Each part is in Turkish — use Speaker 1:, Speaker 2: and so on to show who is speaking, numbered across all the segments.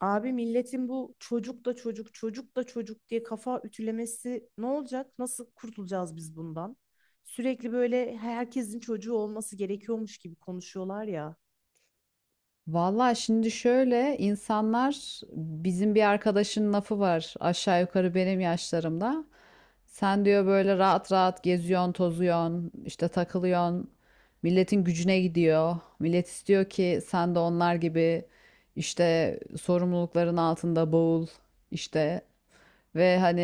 Speaker 1: Abi milletin bu çocuk da çocuk, çocuk da çocuk diye kafa ütülemesi ne olacak? Nasıl kurtulacağız biz bundan? Sürekli böyle herkesin çocuğu olması gerekiyormuş gibi konuşuyorlar ya.
Speaker 2: Vallahi şimdi şöyle insanlar bizim bir arkadaşın lafı var aşağı yukarı benim yaşlarımda. Sen diyor böyle rahat rahat geziyorsun, tozuyorsun, işte takılıyorsun. Milletin gücüne gidiyor. Millet istiyor ki sen de onlar gibi işte sorumlulukların altında boğul, işte ve hani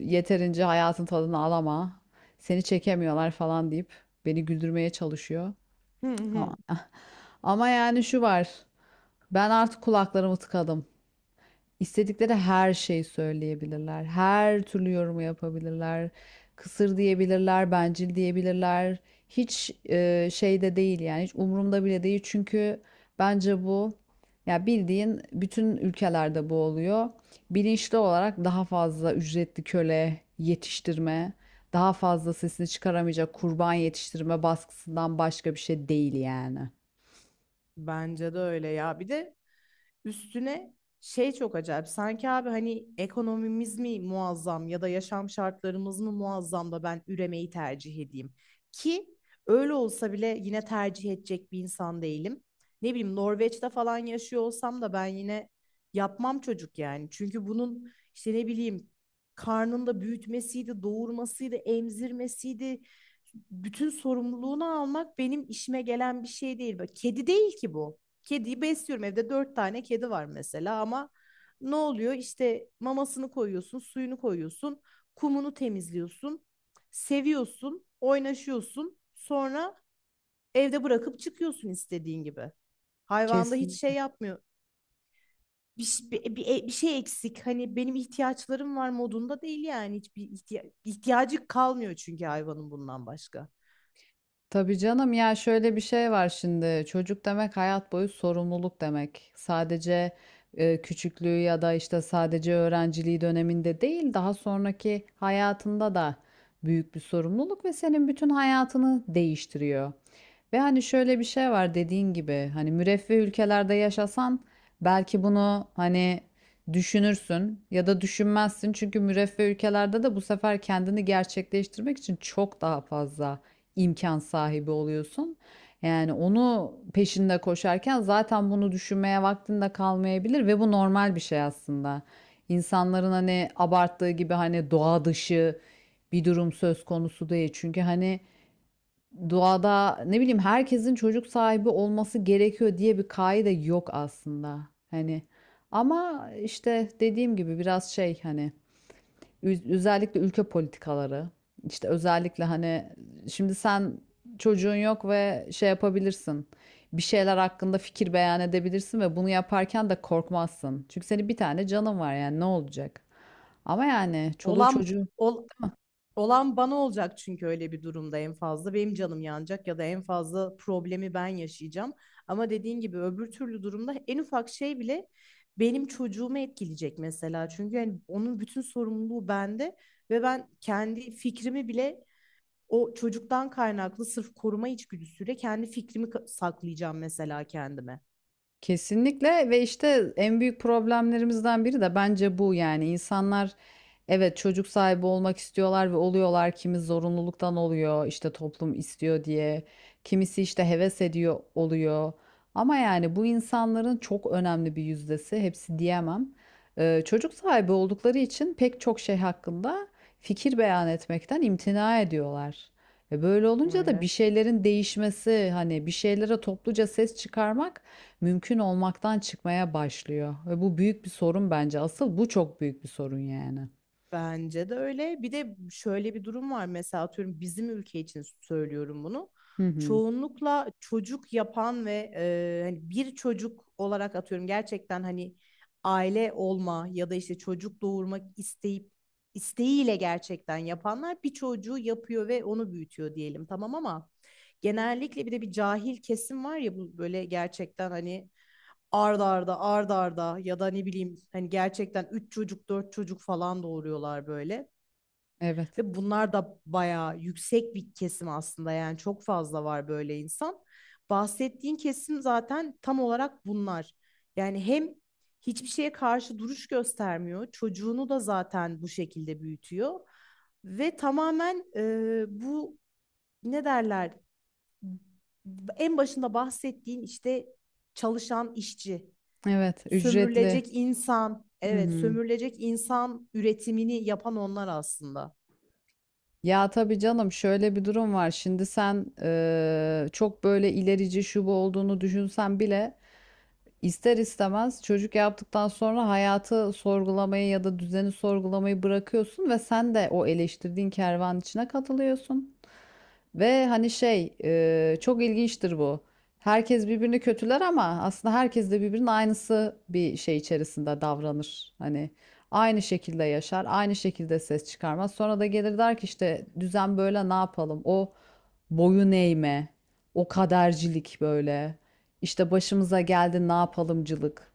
Speaker 2: yeterince hayatın tadını alama. Seni çekemiyorlar falan deyip beni güldürmeye çalışıyor.
Speaker 1: Hı hı.
Speaker 2: Ama ama yani şu var. Ben artık kulaklarımı tıkadım. İstedikleri her şeyi söyleyebilirler. Her türlü yorumu yapabilirler. Kısır diyebilirler, bencil diyebilirler. Hiç şeyde değil yani hiç umurumda bile değil. Çünkü bence bu ya bildiğin bütün ülkelerde bu oluyor. Bilinçli olarak daha fazla ücretli köle yetiştirme, daha fazla sesini çıkaramayacak kurban yetiştirme baskısından başka bir şey değil yani.
Speaker 1: Bence de öyle ya. Bir de üstüne şey çok acayip. Sanki abi hani ekonomimiz mi muazzam ya da yaşam şartlarımız mı muazzam da ben üremeyi tercih edeyim. Ki öyle olsa bile yine tercih edecek bir insan değilim. Ne bileyim Norveç'te falan yaşıyor olsam da ben yine yapmam çocuk yani. Çünkü bunun işte ne bileyim karnında büyütmesiydi, doğurmasıydı, emzirmesiydi. Bütün sorumluluğunu almak benim işime gelen bir şey değil. Bak, kedi değil ki bu. Kediyi besliyorum, evde dört tane kedi var mesela, ama ne oluyor, işte mamasını koyuyorsun, suyunu koyuyorsun, kumunu temizliyorsun, seviyorsun, oynaşıyorsun, sonra evde bırakıp çıkıyorsun istediğin gibi. Hayvanda hiç
Speaker 2: Kesin.
Speaker 1: şey yapmıyor, bir, ş- bir, bir, e, bir şey eksik hani benim ihtiyaçlarım var modunda değil yani hiçbir ihtiyacı kalmıyor çünkü hayvanın, bundan başka.
Speaker 2: Tabii canım ya şöyle bir şey var, şimdi çocuk demek hayat boyu sorumluluk demek. Sadece küçüklüğü ya da işte sadece öğrenciliği döneminde değil daha sonraki hayatında da büyük bir sorumluluk ve senin bütün hayatını değiştiriyor. Ve hani şöyle bir şey var, dediğin gibi hani müreffeh ülkelerde yaşasan belki bunu hani düşünürsün ya da düşünmezsin. Çünkü müreffeh ülkelerde de bu sefer kendini gerçekleştirmek için çok daha fazla imkan sahibi oluyorsun. Yani onu peşinde koşarken zaten bunu düşünmeye vaktin de kalmayabilir ve bu normal bir şey aslında. İnsanların hani abarttığı gibi hani doğa dışı bir durum söz konusu değil. Çünkü hani doğada ne bileyim herkesin çocuk sahibi olması gerekiyor diye bir kaide yok aslında. Hani ama işte dediğim gibi biraz şey, hani özellikle ülke politikaları. İşte özellikle hani şimdi sen çocuğun yok ve şey yapabilirsin. Bir şeyler hakkında fikir beyan edebilirsin ve bunu yaparken de korkmazsın. Çünkü senin bir tane canın var, yani ne olacak? Ama yani çoluğu
Speaker 1: Olan
Speaker 2: çocuğu.
Speaker 1: ol, Olan bana olacak çünkü öyle bir durumda en fazla benim canım yanacak ya da en fazla problemi ben yaşayacağım. Ama dediğin gibi öbür türlü durumda en ufak şey bile benim çocuğumu etkileyecek mesela. Çünkü yani onun bütün sorumluluğu bende ve ben kendi fikrimi bile, o çocuktan kaynaklı sırf koruma içgüdüsüyle, kendi fikrimi saklayacağım mesela kendime.
Speaker 2: Kesinlikle, ve işte en büyük problemlerimizden biri de bence bu, yani insanlar evet çocuk sahibi olmak istiyorlar ve oluyorlar, kimi zorunluluktan oluyor işte toplum istiyor diye, kimisi işte heves ediyor oluyor, ama yani bu insanların çok önemli bir yüzdesi, hepsi diyemem, çocuk sahibi oldukları için pek çok şey hakkında fikir beyan etmekten imtina ediyorlar. E böyle olunca da
Speaker 1: Öyle.
Speaker 2: bir şeylerin değişmesi, hani bir şeylere topluca ses çıkarmak mümkün olmaktan çıkmaya başlıyor. Ve bu büyük bir sorun bence. Asıl bu çok büyük bir sorun yani.
Speaker 1: Bence de öyle. Bir de şöyle bir durum var. Mesela atıyorum, bizim ülke için söylüyorum bunu.
Speaker 2: Hı hı.
Speaker 1: Çoğunlukla çocuk yapan ve hani bir çocuk olarak, atıyorum gerçekten hani aile olma ya da işte çocuk doğurmak isteyip, isteğiyle gerçekten yapanlar bir çocuğu yapıyor ve onu büyütüyor diyelim, tamam, ama genellikle bir de bir cahil kesim var ya, bu böyle gerçekten hani arda arda arda arda ya da ne bileyim hani gerçekten 3 çocuk 4 çocuk falan doğuruyorlar böyle.
Speaker 2: Evet.
Speaker 1: Ve bunlar da bayağı yüksek bir kesim aslında, yani çok fazla var böyle insan. Bahsettiğin kesim zaten tam olarak bunlar. Yani hem hiçbir şeye karşı duruş göstermiyor. Çocuğunu da zaten bu şekilde büyütüyor. Ve tamamen bu, ne derler, en başında bahsettiğin işte çalışan işçi.
Speaker 2: Evet, ücretli.
Speaker 1: Sömürülecek insan,
Speaker 2: Hı
Speaker 1: evet,
Speaker 2: hı.
Speaker 1: sömürülecek insan üretimini yapan onlar aslında.
Speaker 2: Ya tabii canım, şöyle bir durum var. Şimdi sen çok böyle ilerici şu bu olduğunu düşünsen bile İster istemez çocuk yaptıktan sonra hayatı sorgulamayı ya da düzeni sorgulamayı bırakıyorsun ve sen de o eleştirdiğin kervan içine katılıyorsun. Ve hani şey, çok ilginçtir bu. Herkes birbirini kötüler ama aslında herkes de birbirinin aynısı bir şey içerisinde davranır. Hani aynı şekilde yaşar, aynı şekilde ses çıkarmaz. Sonra da gelir der ki işte düzen böyle, ne yapalım? O boyun eğme, o kadercilik böyle. İşte başımıza geldi ne yapalımcılık.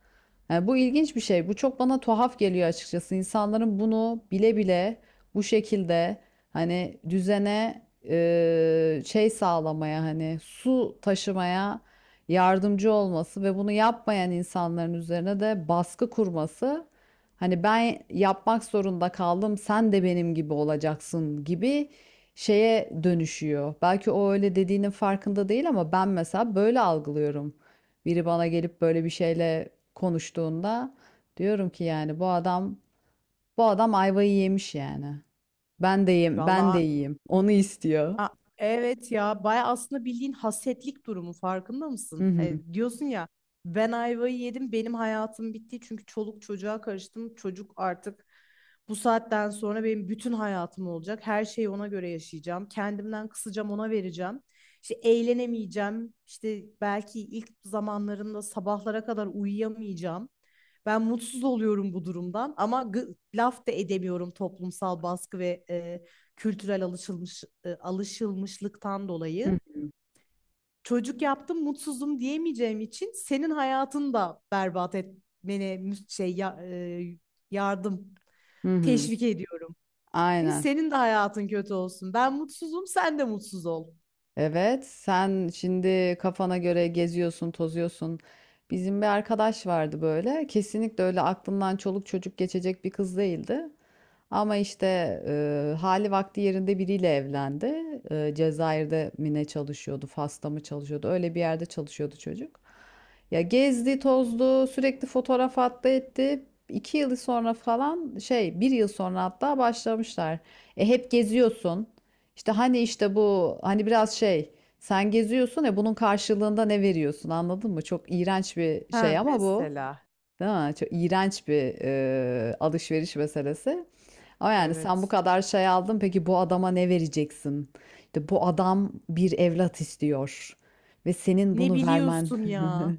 Speaker 2: Yani bu ilginç bir şey. Bu çok bana tuhaf geliyor açıkçası. İnsanların bunu bile bile bu şekilde hani düzene şey sağlamaya, hani su taşımaya yardımcı olması ve bunu yapmayan insanların üzerine de baskı kurması. Hani ben yapmak zorunda kaldım, sen de benim gibi olacaksın gibi şeye dönüşüyor. Belki o öyle dediğinin farkında değil ama ben mesela böyle algılıyorum. Biri bana gelip böyle bir şeyle konuştuğunda diyorum ki yani bu adam ayvayı yemiş yani. Ben de yiyeyim, ben de
Speaker 1: Vallahi.
Speaker 2: yiyeyim. Onu istiyor.
Speaker 1: Aa, evet ya, baya aslında bildiğin hasetlik durumu, farkında
Speaker 2: Hı
Speaker 1: mısın?
Speaker 2: hı.
Speaker 1: Hani diyorsun ya, ben ayvayı yedim, benim hayatım bitti çünkü çoluk çocuğa karıştım. Çocuk artık bu saatten sonra benim bütün hayatım olacak. Her şeyi ona göre yaşayacağım. Kendimden kısacağım, ona vereceğim. İşte eğlenemeyeceğim. İşte belki ilk zamanlarında sabahlara kadar uyuyamayacağım. Ben mutsuz oluyorum bu durumdan ama laf da edemiyorum toplumsal baskı ve kültürel alışılmışlıktan
Speaker 2: Hı
Speaker 1: dolayı
Speaker 2: hı.
Speaker 1: çocuk yaptım mutsuzum diyemeyeceğim için senin hayatını da berbat etmene şey e, yardım,
Speaker 2: Hı hı.
Speaker 1: teşvik ediyorum. Çünkü
Speaker 2: Aynen.
Speaker 1: senin de hayatın kötü olsun. Ben mutsuzum, sen de mutsuz ol.
Speaker 2: Evet, sen şimdi kafana göre geziyorsun, tozuyorsun. Bizim bir arkadaş vardı böyle. Kesinlikle öyle aklından çoluk çocuk geçecek bir kız değildi. Ama işte hali vakti yerinde biriyle evlendi. E, Cezayir'de mi ne çalışıyordu, Fas'ta mı çalışıyordu? Öyle bir yerde çalışıyordu çocuk. Ya gezdi, tozdu, sürekli fotoğraf attı etti. 2 yıl sonra falan bir yıl sonra hatta başlamışlar. E hep geziyorsun. İşte hani işte bu hani biraz şey, sen geziyorsun ya, bunun karşılığında ne veriyorsun, anladın mı? Çok iğrenç bir
Speaker 1: Ha,
Speaker 2: şey ama bu,
Speaker 1: mesela.
Speaker 2: değil mi? Çok iğrenç bir alışveriş meselesi. Ama yani sen bu
Speaker 1: Evet.
Speaker 2: kadar şey aldın, peki bu adama ne vereceksin? İşte bu adam bir evlat istiyor ve senin
Speaker 1: Ne
Speaker 2: bunu vermen.
Speaker 1: biliyorsun ya?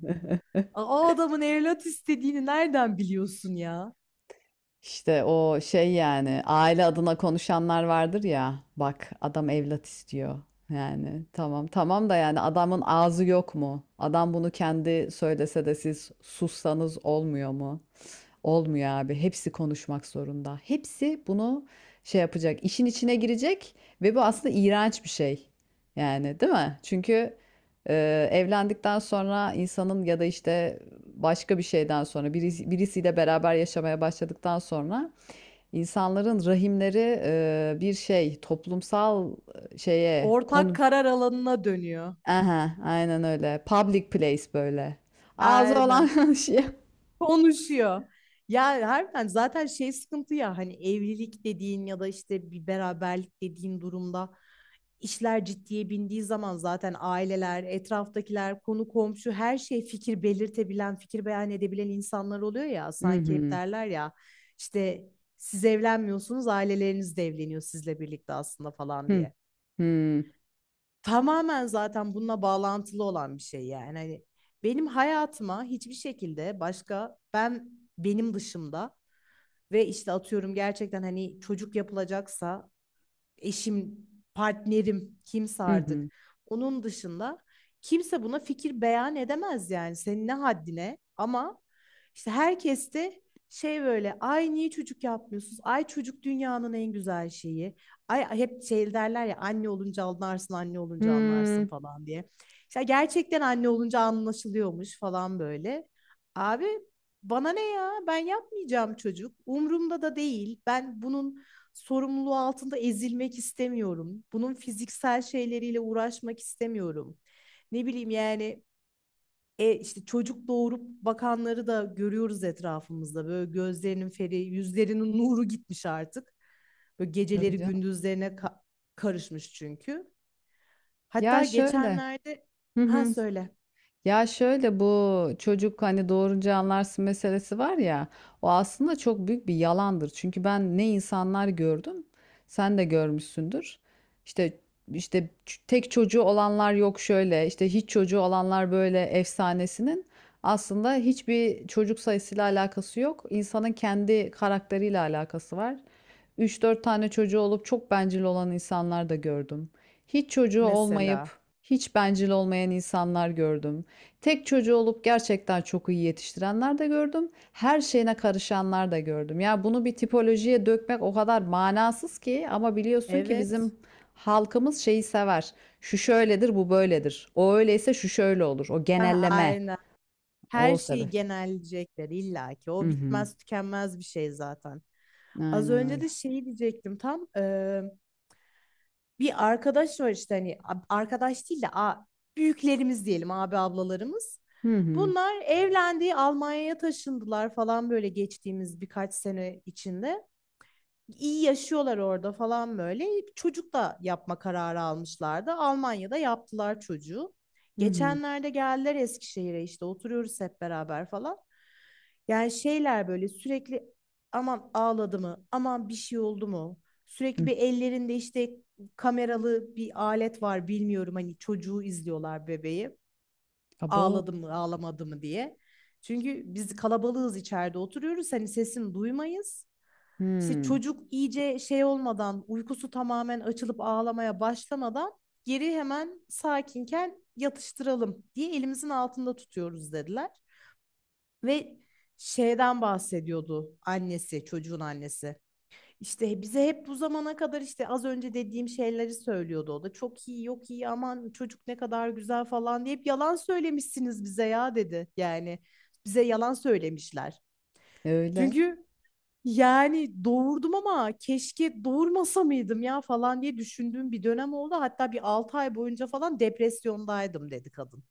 Speaker 1: O adamın evlat istediğini nereden biliyorsun ya?
Speaker 2: İşte o şey yani aile adına konuşanlar vardır ya, bak adam evlat istiyor, yani tamam tamam da yani adamın ağzı yok mu? Adam bunu kendi söylese de siz sussanız olmuyor mu? Olmuyor abi. Hepsi konuşmak zorunda. Hepsi bunu şey yapacak. İşin içine girecek ve bu aslında iğrenç bir şey. Yani değil mi? Çünkü evlendikten sonra insanın ya da işte başka bir şeyden sonra birisi, birisiyle beraber yaşamaya başladıktan sonra insanların rahimleri bir şey, toplumsal şeye
Speaker 1: Ortak
Speaker 2: konu.
Speaker 1: karar alanına dönüyor.
Speaker 2: Aha, aynen öyle. Public place böyle. Ağzı
Speaker 1: Aynen.
Speaker 2: olan şey.
Speaker 1: Konuşuyor. Ya harbiden zaten şey sıkıntı ya, hani evlilik dediğin ya da işte bir beraberlik dediğin durumda, işler ciddiye bindiği zaman zaten aileler, etraftakiler, konu komşu, her şey, fikir belirtebilen, fikir beyan edebilen insanlar oluyor ya,
Speaker 2: Hı
Speaker 1: sanki. Hep
Speaker 2: hı.
Speaker 1: derler ya işte, siz evlenmiyorsunuz, aileleriniz de evleniyor sizle birlikte aslında falan
Speaker 2: Hı
Speaker 1: diye.
Speaker 2: hı.
Speaker 1: Tamamen zaten bununla bağlantılı olan bir şey yani. Hani benim hayatıma hiçbir şekilde başka, benim dışımda, ve işte atıyorum gerçekten hani çocuk yapılacaksa, eşim, partnerim, kimse
Speaker 2: Hı
Speaker 1: artık.
Speaker 2: hı.
Speaker 1: Onun dışında kimse buna fikir beyan edemez, yani senin ne haddine, ama işte herkes de böyle, ay niye çocuk yapmıyorsunuz? Ay çocuk dünyanın en güzel şeyi. Ay, hep derler ya, anne olunca anlarsın, anne olunca anlarsın
Speaker 2: Hımm.
Speaker 1: falan diye. İşte gerçekten anne olunca anlaşılıyormuş falan böyle. Abi bana ne ya? Ben yapmayacağım çocuk. Umurumda da değil. Ben bunun sorumluluğu altında ezilmek istemiyorum. Bunun fiziksel şeyleriyle uğraşmak istemiyorum. Ne bileyim yani, işte çocuk doğurup bakanları da görüyoruz etrafımızda. Böyle gözlerinin feri, yüzlerinin nuru gitmiş artık. Böyle
Speaker 2: Tabii
Speaker 1: geceleri
Speaker 2: canım.
Speaker 1: gündüzlerine karışmış çünkü.
Speaker 2: Ya
Speaker 1: Hatta
Speaker 2: şöyle.
Speaker 1: geçenlerde,
Speaker 2: Hı
Speaker 1: ha,
Speaker 2: hı.
Speaker 1: söyle
Speaker 2: Ya şöyle, bu çocuk hani doğurunca anlarsın meselesi var ya, o aslında çok büyük bir yalandır. Çünkü ben ne insanlar gördüm, sen de görmüşsündür. İşte işte tek çocuğu olanlar, yok şöyle işte hiç çocuğu olanlar böyle efsanesinin aslında hiçbir çocuk sayısıyla alakası yok. İnsanın kendi karakteriyle alakası var. Üç dört tane çocuğu olup çok bencil olan insanlar da gördüm. Hiç çocuğu olmayıp
Speaker 1: mesela.
Speaker 2: hiç bencil olmayan insanlar gördüm. Tek çocuğu olup gerçekten çok iyi yetiştirenler de gördüm. Her şeyine karışanlar da gördüm. Ya bunu bir tipolojiye dökmek o kadar manasız ki, ama biliyorsun ki
Speaker 1: Evet.
Speaker 2: bizim halkımız şeyi sever. Şu şöyledir, bu böyledir. O öyleyse şu şöyle olur. O
Speaker 1: Ha,
Speaker 2: genelleme.
Speaker 1: aynen. Her
Speaker 2: O
Speaker 1: şeyi
Speaker 2: sebep.
Speaker 1: genelleyecekler illa ki.
Speaker 2: Hı
Speaker 1: O
Speaker 2: hı.
Speaker 1: bitmez tükenmez bir şey zaten. Az
Speaker 2: Aynen
Speaker 1: önce
Speaker 2: öyle.
Speaker 1: de şeyi diyecektim tam. Bir arkadaş var işte, hani arkadaş değil de büyüklerimiz diyelim, abi ablalarımız.
Speaker 2: Hı hı.
Speaker 1: Bunlar evlendi, Almanya'ya taşındılar falan, böyle geçtiğimiz birkaç sene içinde iyi yaşıyorlar orada falan böyle. Çocuk da yapma kararı almışlardı. Almanya'da yaptılar çocuğu.
Speaker 2: Hı hı.
Speaker 1: Geçenlerde geldiler Eskişehir'e, işte oturuyoruz hep beraber falan. Yani şeyler, böyle sürekli, aman ağladı mı, aman bir şey oldu mu? Sürekli
Speaker 2: Hı.
Speaker 1: bir ellerinde işte kameralı bir alet var, bilmiyorum, hani çocuğu izliyorlar, bebeği.
Speaker 2: Abo.
Speaker 1: Ağladı mı, ağlamadı mı diye. Çünkü biz kalabalığız, içeride oturuyoruz, hani sesini duymayız. İşte
Speaker 2: Hı.
Speaker 1: çocuk iyice şey olmadan, uykusu tamamen açılıp ağlamaya başlamadan geri, hemen sakinken yatıştıralım diye elimizin altında tutuyoruz dediler. Ve şeyden bahsediyordu annesi, çocuğun annesi. İşte bize hep bu zamana kadar, işte az önce dediğim şeyleri söylüyordu o da. Çok iyi, yok iyi, aman çocuk ne kadar güzel falan diye hep yalan söylemişsiniz bize ya, dedi. Yani bize yalan söylemişler.
Speaker 2: Öyle.
Speaker 1: Çünkü yani doğurdum ama keşke doğurmasa mıydım ya falan diye düşündüğüm bir dönem oldu. Hatta bir 6 ay boyunca falan depresyondaydım, dedi kadın.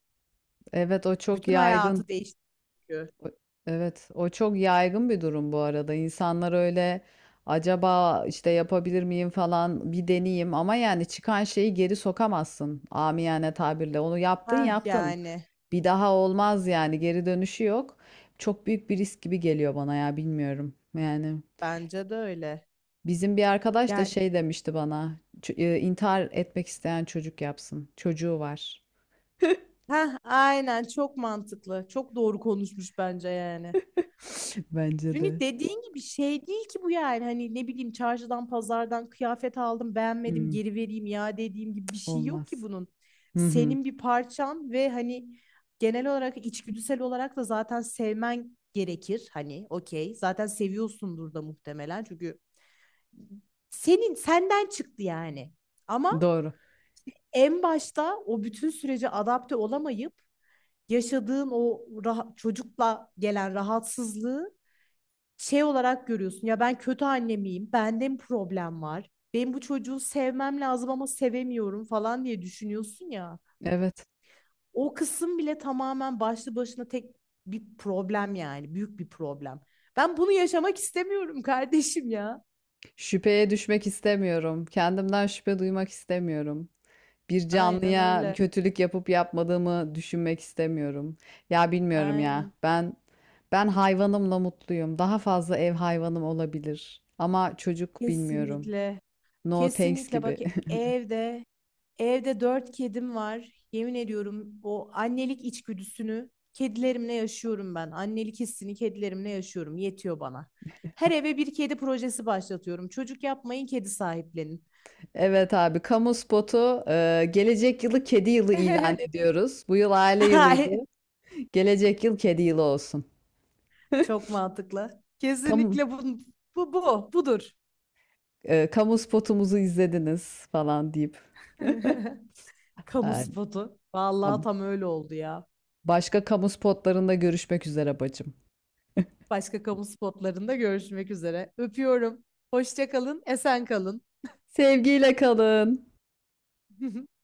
Speaker 2: Evet, o çok
Speaker 1: Bütün
Speaker 2: yaygın.
Speaker 1: hayatı değişti çünkü.
Speaker 2: O- Evet, o çok yaygın bir durum bu arada. İnsanlar öyle acaba işte yapabilir miyim falan bir deneyeyim, ama yani çıkan şeyi geri sokamazsın, amiyane tabirle. Onu yaptın
Speaker 1: Heh
Speaker 2: yaptın.
Speaker 1: yani
Speaker 2: Bir daha olmaz, yani geri dönüşü yok. Çok büyük bir risk gibi geliyor bana ya, bilmiyorum. Yani
Speaker 1: bence de öyle.
Speaker 2: bizim bir arkadaş da
Speaker 1: Yani
Speaker 2: şey demişti bana. "Ç- e, intihar etmek isteyen çocuk yapsın. Çocuğu var."
Speaker 1: heh, aynen, çok mantıklı. Çok doğru konuşmuş bence yani.
Speaker 2: Bence
Speaker 1: Çünkü
Speaker 2: de.
Speaker 1: dediğin gibi şey değil ki bu, yani hani ne bileyim, çarşıdan pazardan kıyafet aldım, beğenmedim,
Speaker 2: Hmm,
Speaker 1: geri vereyim ya dediğim gibi bir şey yok ki
Speaker 2: olmaz.
Speaker 1: bunun.
Speaker 2: Hı hı,
Speaker 1: Senin bir parçan, ve hani genel olarak içgüdüsel olarak da zaten sevmen gerekir, hani okey zaten seviyorsundur da muhtemelen, çünkü senin, senden çıktı yani. Ama
Speaker 2: doğru.
Speaker 1: en başta o bütün sürece adapte olamayıp yaşadığın o çocukla gelen rahatsızlığı şey olarak görüyorsun. Ya ben kötü anne miyim? Bende mi problem var? Benim bu çocuğu sevmem lazım ama sevemiyorum falan diye düşünüyorsun ya.
Speaker 2: Evet.
Speaker 1: O kısım bile tamamen başlı başına tek bir problem yani. Büyük bir problem. Ben bunu yaşamak istemiyorum kardeşim ya.
Speaker 2: Şüpheye düşmek istemiyorum. Kendimden şüphe duymak istemiyorum. Bir
Speaker 1: Aynen
Speaker 2: canlıya bir
Speaker 1: öyle.
Speaker 2: kötülük yapıp yapmadığımı düşünmek istemiyorum. Ya bilmiyorum ya.
Speaker 1: Aynen.
Speaker 2: Ben hayvanımla mutluyum. Daha fazla ev hayvanım olabilir. Ama çocuk bilmiyorum.
Speaker 1: Kesinlikle.
Speaker 2: No thanks
Speaker 1: Kesinlikle bak,
Speaker 2: gibi.
Speaker 1: evde evde dört kedim var. Yemin ediyorum, o annelik içgüdüsünü kedilerimle yaşıyorum ben. Annelik hissini kedilerimle yaşıyorum. Yetiyor bana. Her eve bir kedi projesi başlatıyorum. Çocuk yapmayın, kedi sahiplenin.
Speaker 2: Evet abi, kamu spotu. Gelecek yılı kedi yılı ilan ediyoruz. Bu yıl aile yılıydı.
Speaker 1: Ay,
Speaker 2: Gelecek yıl kedi yılı olsun.
Speaker 1: çok mantıklı.
Speaker 2: Kamu,
Speaker 1: Kesinlikle bu bu bu budur.
Speaker 2: kamu spotumuzu izlediniz falan deyip.
Speaker 1: Kamu
Speaker 2: e,
Speaker 1: spotu. Vallahi tam öyle oldu ya.
Speaker 2: Başka kamu spotlarında görüşmek üzere bacım.
Speaker 1: Başka kamu spotlarında görüşmek üzere. Öpüyorum. Hoşça kalın, esen kalın.
Speaker 2: Sevgiyle kalın.